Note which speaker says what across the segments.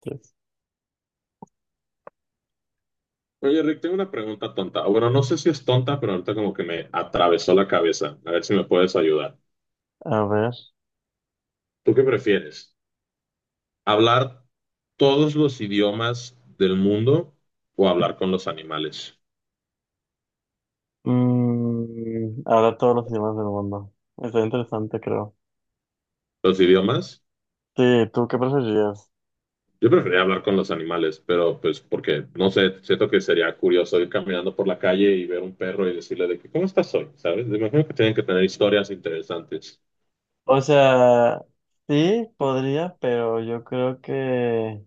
Speaker 1: Tres.
Speaker 2: Oye, Rick, tengo una pregunta tonta. O bueno, no sé si es tonta, pero ahorita como que me atravesó la cabeza. A ver si me puedes ayudar.
Speaker 1: A ver.
Speaker 2: ¿Tú qué prefieres? ¿Hablar todos los idiomas del mundo o hablar con los animales?
Speaker 1: Mm, ahora todos los idiomas del mundo. Está interesante, creo.
Speaker 2: ¿Los idiomas?
Speaker 1: Sí, ¿tú qué preferirías?
Speaker 2: Yo preferiría hablar con los animales, pero pues porque, no sé, siento que sería curioso ir caminando por la calle y ver un perro y decirle de que, ¿cómo estás hoy? ¿Sabes? Me imagino que tienen que tener historias interesantes.
Speaker 1: O sea, sí, podría, pero yo creo que...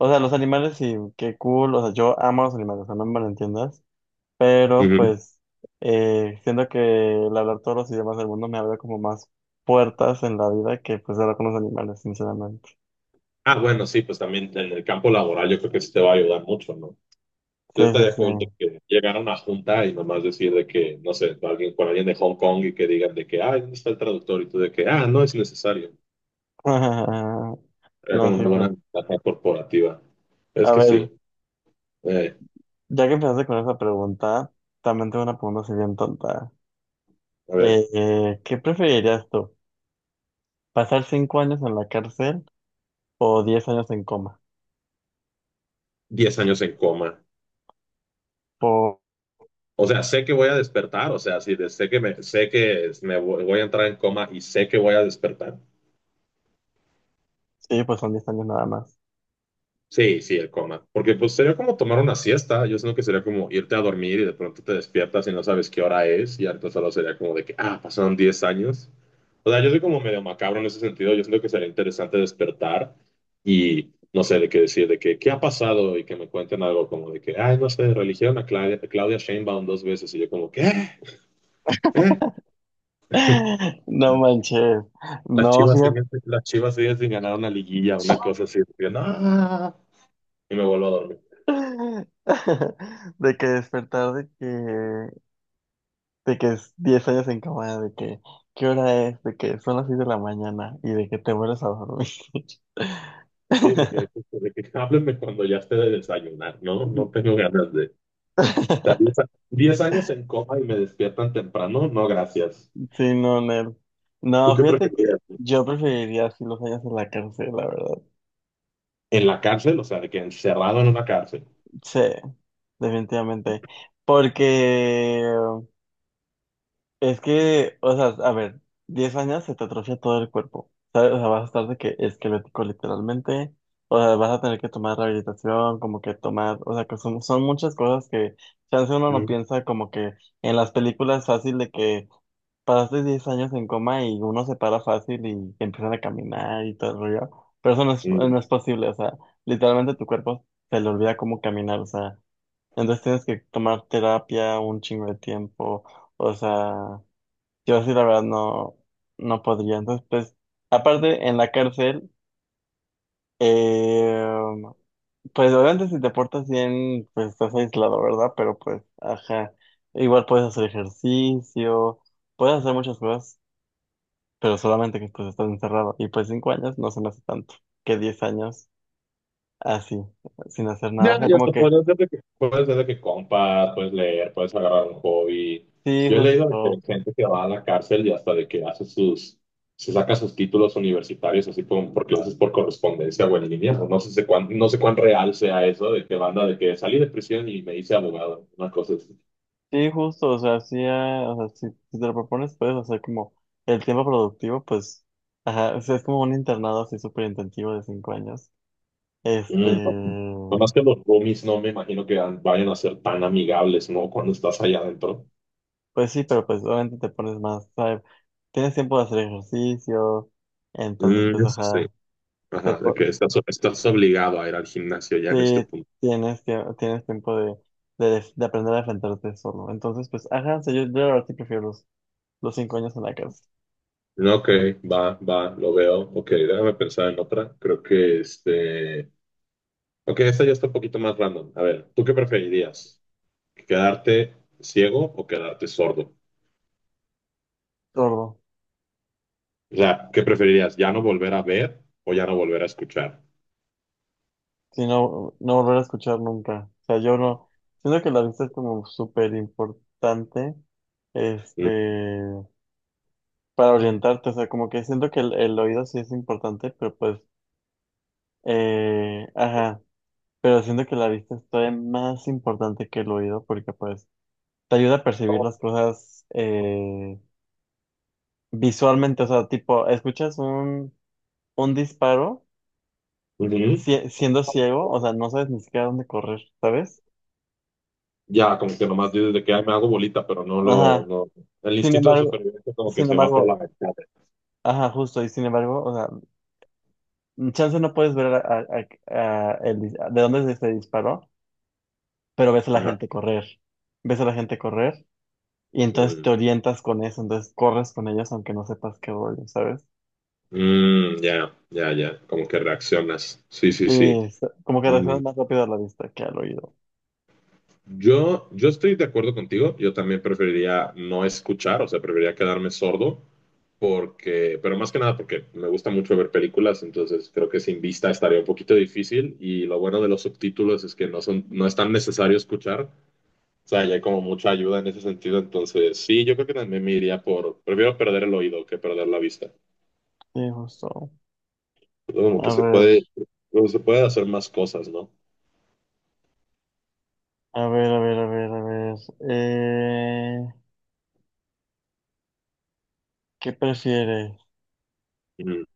Speaker 1: O sea, los animales sí, qué cool. O sea, yo amo a los animales, o sea, no me malentiendas. Pero
Speaker 2: Ujú.
Speaker 1: pues, siento que el hablar todos los idiomas del mundo me abre como más puertas en la vida que pues hablar con los animales, sinceramente.
Speaker 2: Ah, bueno, sí, pues también en el campo laboral yo creo que sí te va a ayudar mucho, ¿no?
Speaker 1: Sí,
Speaker 2: Yo
Speaker 1: sí,
Speaker 2: estaría
Speaker 1: sí.
Speaker 2: cool de que llegara a una junta y nomás decir de que, no sé, alguien con alguien de Hong Kong y que digan de que, ay, ¿dónde está el traductor? Y tú de que, ah, no es necesario. Era
Speaker 1: No,
Speaker 2: como
Speaker 1: sí,
Speaker 2: una
Speaker 1: pues.
Speaker 2: buena ventaja corporativa. Es
Speaker 1: A
Speaker 2: que
Speaker 1: ver.
Speaker 2: sí. Eh,
Speaker 1: Ya que empezaste con esa pregunta, también tengo una pregunta así bien tonta.
Speaker 2: a ver,
Speaker 1: ¿Qué preferirías tú? ¿Pasar 5 años en la cárcel o 10 años en coma?
Speaker 2: 10 años en coma. O sea, sé que voy a despertar, o sea, sí, sé que me voy a entrar en coma y sé que voy a despertar.
Speaker 1: Sí, pues son 10 años nada más.
Speaker 2: Sí, sí, el coma. Porque pues sería como tomar una siesta. Yo siento que sería como irte a dormir y de pronto te despiertas y no sabes qué hora es. Y ahorita solo sería como de que, ah, pasaron 10 años. O sea, yo soy como medio macabro en ese sentido. Yo siento que sería interesante despertar y no sé de qué decir, de que, qué ha pasado y que me cuenten algo como de que, ay, no sé, religieron a Claudia Sheinbaum dos veces. Y yo como, ¿qué? ¿Qué?
Speaker 1: No manches.
Speaker 2: Las
Speaker 1: No,
Speaker 2: chivas
Speaker 1: fíjate.
Speaker 2: siguen, las chivas siguen sin ganar una liguilla, una cosa así. Y yo, no. Y me vuelvo a dormir.
Speaker 1: De que despertar de que es 10 años en cama, de que, ¿qué hora es? De que son las 6 de la mañana y de que te vuelves a dormir.
Speaker 2: Sí, de que háblenme cuando ya esté de desayunar, ¿no? No tengo ganas de, o sea, 10 años en coma y me despiertan temprano, no, gracias.
Speaker 1: Sí, no, Nel.
Speaker 2: ¿Tú
Speaker 1: No,
Speaker 2: qué
Speaker 1: fíjate que
Speaker 2: preferirías?
Speaker 1: yo preferiría así los años en la cárcel, la verdad.
Speaker 2: ¿En la cárcel? O sea, de que encerrado en una cárcel.
Speaker 1: Sí, definitivamente. Porque es que, o sea, a ver, 10 años se te atrofia todo el cuerpo. ¿Sabes? O sea, vas a estar de que esquelético literalmente. O sea, vas a tener que tomar rehabilitación, como que tomar, o sea, que son muchas cosas que chance uno no
Speaker 2: Mm,
Speaker 1: piensa como que en las películas fácil de que pasaste 10 años en coma y uno se para fácil y empiezan a caminar y todo el rollo. Pero eso no es,
Speaker 2: mm.
Speaker 1: no es posible, o sea, literalmente tu cuerpo se le olvida cómo caminar, o sea, entonces tienes que tomar terapia un chingo de tiempo, o sea, yo sí la verdad no, no podría. Entonces, pues, aparte en la cárcel, eh, pues obviamente si te portas bien, pues estás aislado, ¿verdad? Pero pues, ajá, igual puedes hacer ejercicio, puedes hacer muchas cosas pero solamente que pues estás encerrado. Y pues 5 años no se me hace tanto que 10 años así, sin hacer nada. O
Speaker 2: Ya,
Speaker 1: sea,
Speaker 2: ya
Speaker 1: como
Speaker 2: te
Speaker 1: que
Speaker 2: puedes desde que compras, puedes leer, puedes agarrar un hobby.
Speaker 1: sí,
Speaker 2: Yo he leído de que hay
Speaker 1: justo,
Speaker 2: gente que va a la cárcel y hasta de que hace sus, se saca sus títulos universitarios así como porque lo haces por correspondencia o en línea. No sé, no sé cuán real sea eso de que banda de que salí de prisión y me hice abogado. Una cosa así.
Speaker 1: sí, justo, o sea, sí, ah, o sea, si te lo propones, puedes hacer como el tiempo productivo, pues, ajá, o sea, es como un internado así súper intensivo de 5 años. Este,
Speaker 2: Mm, no. Nomás que los roomies no me imagino que vayan a ser tan amigables, ¿no? Cuando estás allá adentro.
Speaker 1: pues sí, pero pues obviamente te pones más, ¿sabes? Tienes tiempo de hacer ejercicio, entonces
Speaker 2: Mm,
Speaker 1: pues
Speaker 2: eso sí.
Speaker 1: ajá, te,
Speaker 2: Ajá, de que
Speaker 1: po-
Speaker 2: estás obligado a ir al gimnasio ya en este
Speaker 1: sí,
Speaker 2: punto.
Speaker 1: tienes tiempo de aprender a defenderte solo. Entonces, pues, ajá, sí, yo la verdad sí prefiero los 5 años en la cárcel.
Speaker 2: No, ok, va, va, lo veo. Ok, déjame pensar en otra. Creo que este. Ok, esta ya está un poquito más random. A ver, ¿tú qué preferirías? ¿Quedarte ciego o quedarte sordo?
Speaker 1: Sordo.
Speaker 2: O sea, ¿qué preferirías? ¿Ya no volver a ver o ya no volver a escuchar?
Speaker 1: Si no, no volver a escuchar nunca. O sea, yo no. Siento que la vista es como súper importante,
Speaker 2: Mm,
Speaker 1: este, para orientarte. O sea, como que siento que el oído sí es importante, pero pues, ajá. Pero siento que la vista es todavía más importante que el oído, porque pues te ayuda a percibir las cosas, visualmente, o sea, tipo, escuchas un disparo
Speaker 2: ujú.
Speaker 1: siendo ciego, o sea, no sabes ni siquiera dónde correr, ¿sabes?
Speaker 2: Ya, como que nomás dices de que "Ay, me hago bolita, pero no lo.
Speaker 1: Ajá.
Speaker 2: No." El
Speaker 1: Sin
Speaker 2: instinto de
Speaker 1: embargo,
Speaker 2: supervivencia como que
Speaker 1: sin
Speaker 2: se va por la
Speaker 1: embargo,
Speaker 2: ventana.
Speaker 1: ajá, justo, y sin embargo, o sea, mm, chance no puedes ver a el de dónde se disparó, pero ves a la
Speaker 2: Ajá.
Speaker 1: gente correr, ves a la gente correr, y entonces
Speaker 2: Mm,
Speaker 1: te orientas con eso, entonces corres con ellos aunque no sepas qué rollo, ¿sabes?
Speaker 2: mm, ya, ya, ya. Como que reaccionas. Sí, sí,
Speaker 1: Sí,
Speaker 2: sí.
Speaker 1: es- como que
Speaker 2: Mm.
Speaker 1: reaccionas más rápido a la vista que al oído.
Speaker 2: Yo estoy de acuerdo contigo, yo también preferiría no escuchar, o sea, preferiría quedarme sordo, porque, pero más que nada porque me gusta mucho ver películas, entonces creo que sin vista estaría un poquito difícil y lo bueno de los subtítulos es que no son, no es tan necesario escuchar, o sea, ya hay como mucha ayuda en ese sentido, entonces sí, yo creo que también me iría por, prefiero perder el oído que perder la vista,
Speaker 1: Sí, justo.
Speaker 2: como que
Speaker 1: A
Speaker 2: se
Speaker 1: ver.
Speaker 2: puede, como se puede hacer más cosas, ¿no?
Speaker 1: A ver, a ver, a ver, a ver. Eh, ¿Qué prefieres?
Speaker 2: Mm.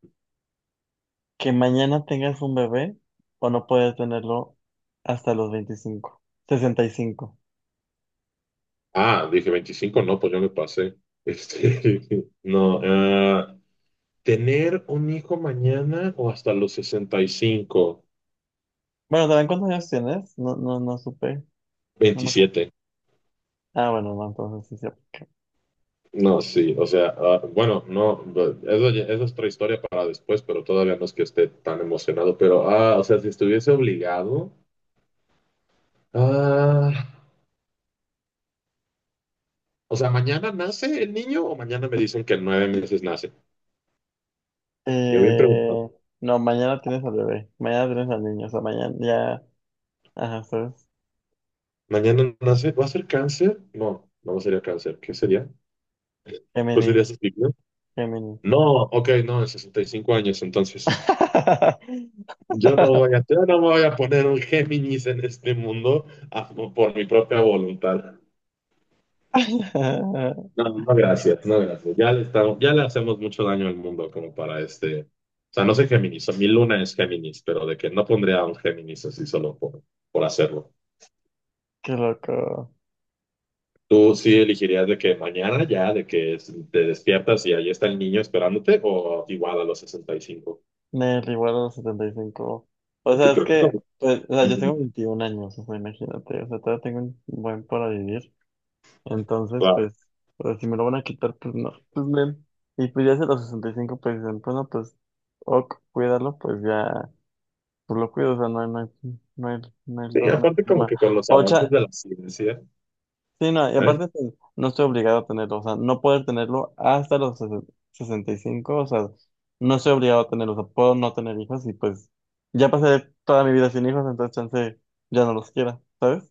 Speaker 1: ¿Que mañana tengas un bebé o no puedes tenerlo hasta los 25, 65?
Speaker 2: Ah, dije 25, no, pues yo me pasé. Este, no, tener un hijo mañana o hasta los 65,
Speaker 1: Bueno, ¿saben cuántos años tienes? No, no, no supe. No me acu-
Speaker 2: 27.
Speaker 1: Ah, bueno, no, entonces sí se aplica.
Speaker 2: No, sí, o sea, bueno, no, eso, eso es otra historia para después, pero todavía no es que esté tan emocionado, pero, o sea, si estuviese obligado, ah, o sea, ¿mañana nace el niño o mañana me dicen que en 9 meses nace? Yo bien pregunto,
Speaker 1: Eh, no, mañana tienes al bebé. Mañana tienes al niño. O sea, mañana ya. Ajá, ¿sabes?
Speaker 2: ¿mañana nace? ¿Va a ser cáncer? No, no sería cáncer, ¿qué sería? Pues sería
Speaker 1: Géminis.
Speaker 2: así.
Speaker 1: Géminis.
Speaker 2: No, ok, no, 65 años, entonces. Yo no voy a, yo no me voy a poner un Géminis en este mundo por mi propia voluntad. No, no, gracias, no, gracias. Ya le estamos, ya le hacemos mucho daño al mundo como para este. O sea, no soy Géminis, o mi luna es Géminis, pero de que no pondría a un Géminis así solo por hacerlo.
Speaker 1: Qué loco.
Speaker 2: ¿Tú sí elegirías de que mañana ya, de que te despiertas y ahí está el niño esperándote, o igual a los 65?
Speaker 1: Me igual a los 75. O
Speaker 2: Porque
Speaker 1: sea, es
Speaker 2: creo que
Speaker 1: que,
Speaker 2: como-
Speaker 1: pues, o sea, yo tengo
Speaker 2: Ujú,
Speaker 1: 21 años, o sea, imagínate, o sea, todavía tengo un buen para vivir. Entonces,
Speaker 2: claro.
Speaker 1: pues, pues, si me lo van a quitar, pues no, pues men. Y pues ya hacia los 65 pues dicen, bueno, pues, ok, cuídalo, pues ya, pues lo cuido, o sea, no hay, no hay, no hay, no hay,
Speaker 2: Sí,
Speaker 1: lo- no hay
Speaker 2: aparte como
Speaker 1: problema.
Speaker 2: que con los avances
Speaker 1: Ocha,
Speaker 2: de la ciencia,
Speaker 1: sí, no, y
Speaker 2: ¿eh?
Speaker 1: aparte pues, no estoy obligado a tenerlo, o sea, no poder tenerlo hasta los 65, o sea, no estoy obligado a tenerlo, o sea, puedo no tener hijos y pues ya pasé toda mi vida sin hijos, entonces chance ya no los quiera, ¿sabes?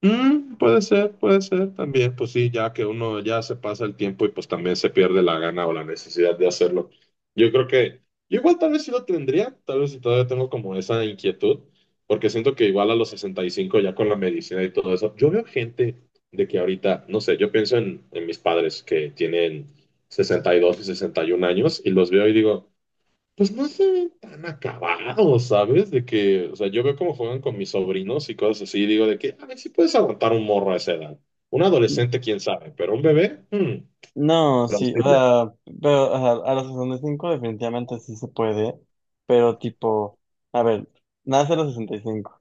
Speaker 2: Mm, puede ser también, pues sí, ya que uno ya se pasa el tiempo y pues también se pierde la gana o la necesidad de hacerlo. Yo creo que, yo igual tal vez sí lo tendría, tal vez si todavía tengo como esa inquietud, porque siento que igual a los 65 ya con la medicina y todo eso, yo veo gente de que ahorita, no sé, yo pienso en mis padres que tienen sesenta y 61 años y los veo y digo. Pues no se ven tan acabados, ¿sabes? De que, o sea, yo veo cómo juegan con mis sobrinos y cosas así, y digo de que, a ver si puedes aguantar un morro a esa edad. Un
Speaker 1: N-
Speaker 2: adolescente, quién sabe, pero un bebé,
Speaker 1: No, sí, o
Speaker 2: plausible.
Speaker 1: sea, pero o sea, a los 65 definitivamente sí se puede, pero tipo, a ver, nace a los 65.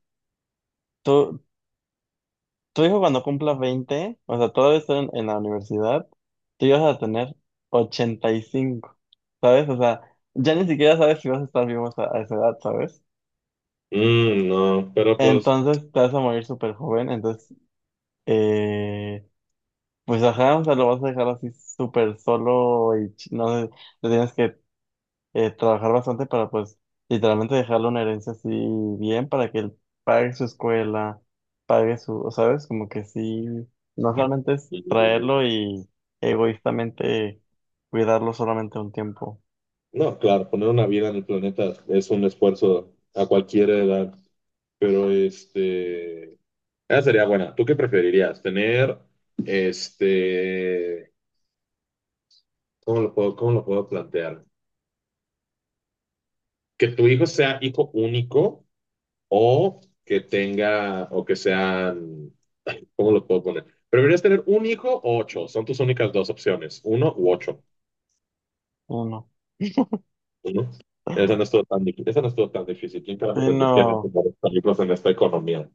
Speaker 1: Tu hijo cuando cumpla 20, o sea, todavía está en la universidad, tú ya vas a tener 85, ¿sabes? O sea, ya ni siquiera sabes si vas a estar vivo a esa edad, ¿sabes?
Speaker 2: Mm, no, pero pues,
Speaker 1: Entonces te vas a morir súper joven, entonces, eh, pues ajá, o sea, lo vas a dejar así súper solo y no sé, te tienes que trabajar bastante para pues literalmente dejarle una herencia así bien para que él pague su escuela, pague su, o ¿sabes? Como que sí, no solamente es
Speaker 2: mm,
Speaker 1: traerlo y egoístamente cuidarlo solamente un tiempo,
Speaker 2: no, claro, poner una vida en el planeta es un esfuerzo a cualquier edad, pero este, esa sería buena. ¿Tú qué preferirías? Tener, este, ¿cómo lo puedo plantear? Que tu hijo sea hijo único o que tenga, o que sean, ¿cómo lo puedo poner? ¿Prefieres tener un hijo o ocho? Son tus únicas dos opciones, uno u ocho.
Speaker 1: uno.
Speaker 2: Uno. Esa no estuvo tan difícil. ¿Quién carajo
Speaker 1: Sí,
Speaker 2: tendría
Speaker 1: no,
Speaker 2: que recomendar películas en esta economía?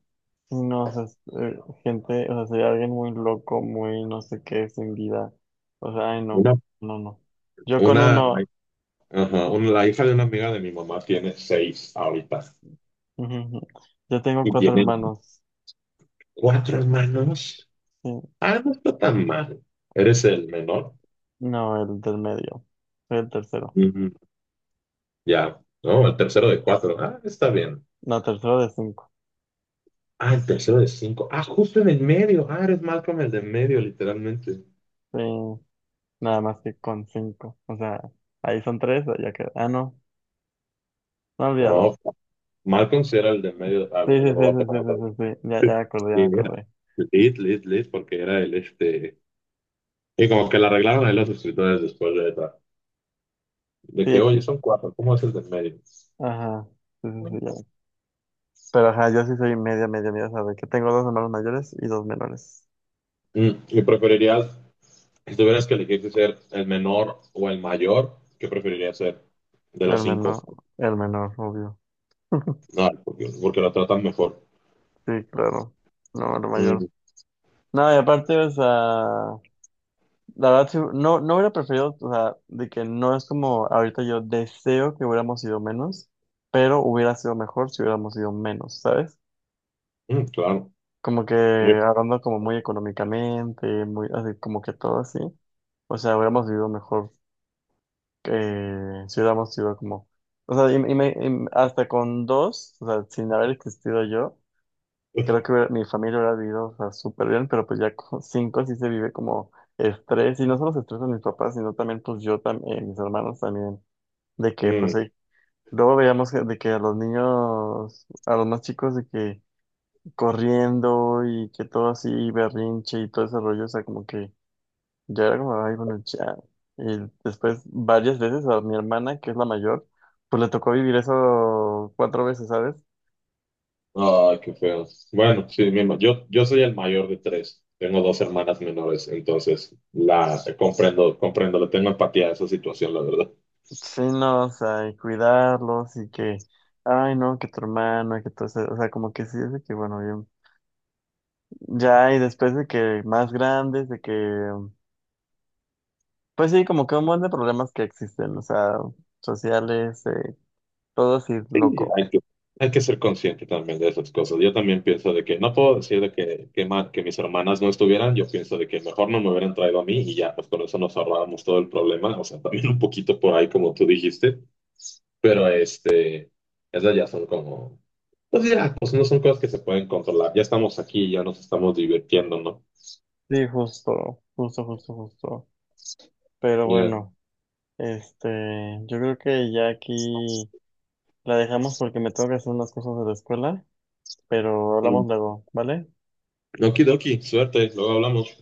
Speaker 1: sí, no, o sea, es, gente, o sea, sería alguien muy loco, muy no sé qué, sin vida. O sea, ay, no,
Speaker 2: Una,
Speaker 1: no, no. Yo con
Speaker 2: una,
Speaker 1: uno.
Speaker 2: ajá, la hija de una amiga de mi mamá tiene 6 ahorita
Speaker 1: Yo tengo
Speaker 2: y
Speaker 1: cuatro
Speaker 2: tiene
Speaker 1: hermanos.
Speaker 2: cuatro hermanos.
Speaker 1: Sí.
Speaker 2: Ah, no está tan mal. ¿Eres el menor?
Speaker 1: No, el del medio. Soy el tercero.
Speaker 2: Ujú, ya, no, el tercero de cuatro. Ah, está bien.
Speaker 1: No, tercero de cinco.
Speaker 2: Ah, el tercero de cinco. Ah, justo en el medio. Ah, eres Malcolm el de en medio, literalmente.
Speaker 1: Sí, nada más que con cinco. O sea, ahí son tres, ya queda. Ah, no. No olvídalo.
Speaker 2: Wow. Malcolm sí era el de en medio. Ah,
Speaker 1: Sí,
Speaker 2: bueno, ya
Speaker 1: sí, sí,
Speaker 2: me voy a
Speaker 1: sí, sí,
Speaker 2: poner a
Speaker 1: sí, sí,
Speaker 2: hablar.
Speaker 1: sí. Ya, ya me acordé, ya me
Speaker 2: Sí, era.
Speaker 1: acordé.
Speaker 2: Lit, porque era el este. Y como que le arreglaron ahí los escritores después de, de
Speaker 1: Sí,
Speaker 2: que, oye,
Speaker 1: X.
Speaker 2: son cuatro, ¿cómo es el de en medio?
Speaker 1: Ajá. Sí, sí, sí, ya. Pero ajá, yo sí soy media, media, media, ¿sabes? Que tengo dos hermanos mayores y dos menores.
Speaker 2: Mm, ¿y preferirías, si tuvieras que elegir si ser el menor o el mayor, qué preferirías ser de los
Speaker 1: El
Speaker 2: cinco?
Speaker 1: menor, el menor, obvio.
Speaker 2: No, porque lo tratan mejor.
Speaker 1: Sí, claro. No, el mayor.
Speaker 2: Mm,
Speaker 1: No, y aparte, o sea. La verdad, sí, no, no hubiera preferido, o sea, de que no es como ahorita yo deseo que hubiéramos sido menos, pero hubiera sido mejor si hubiéramos sido menos, ¿sabes?
Speaker 2: mm, claro.
Speaker 1: Como que hablando como muy económicamente, muy así, como que todo así. O sea, hubiéramos vivido mejor si hubiéramos sido como, o sea, y hasta con dos, o sea, sin haber existido yo, creo que mi familia hubiera vivido, o sea, súper bien, pero pues ya con cinco sí se vive como estrés, y no solo se estresan mis papás, sino también pues yo también, mis hermanos también, de que pues
Speaker 2: Mm,
Speaker 1: ahí, luego veíamos de que a los niños, a los más chicos de que corriendo y que todo así berrinche y todo ese rollo, o sea, como que ya era como, ay, bueno, ya. Y después varias veces a mi hermana, que es la mayor, pues le tocó vivir eso cuatro veces, ¿sabes?
Speaker 2: ay, qué feo. Bueno, sí, yo soy el mayor de tres. Tengo dos hermanas menores, entonces la comprendo, comprendo, le tengo empatía a esa situación, la verdad.
Speaker 1: Sí, no, o sea, y cuidarlos y que, ay, no, que tu hermano, que todo eso, o sea, como que sí, es de que, bueno, ya, y después de que más grandes, de que, pues sí, como que un montón de problemas que existen, o sea, sociales, todo así,
Speaker 2: Sí,
Speaker 1: loco.
Speaker 2: hay que ser consciente también de esas cosas. Yo también pienso de que no puedo decir de que mis hermanas no estuvieran, yo pienso de que mejor no me hubieran traído a mí y ya, pues con eso nos ahorrábamos todo el problema, o sea, también un poquito por ahí como tú dijiste, pero este, esas ya son como, pues ya, pues no son cosas que se pueden controlar, ya estamos aquí, ya nos estamos divirtiendo, ¿no?
Speaker 1: Sí, justo, justo, justo, justo. Pero
Speaker 2: Ya.
Speaker 1: bueno, este, yo creo que ya aquí la dejamos porque me tengo que hacer unas cosas de la escuela, pero
Speaker 2: Mm.
Speaker 1: hablamos luego, ¿vale?
Speaker 2: Okidoki, suerte, luego hablamos.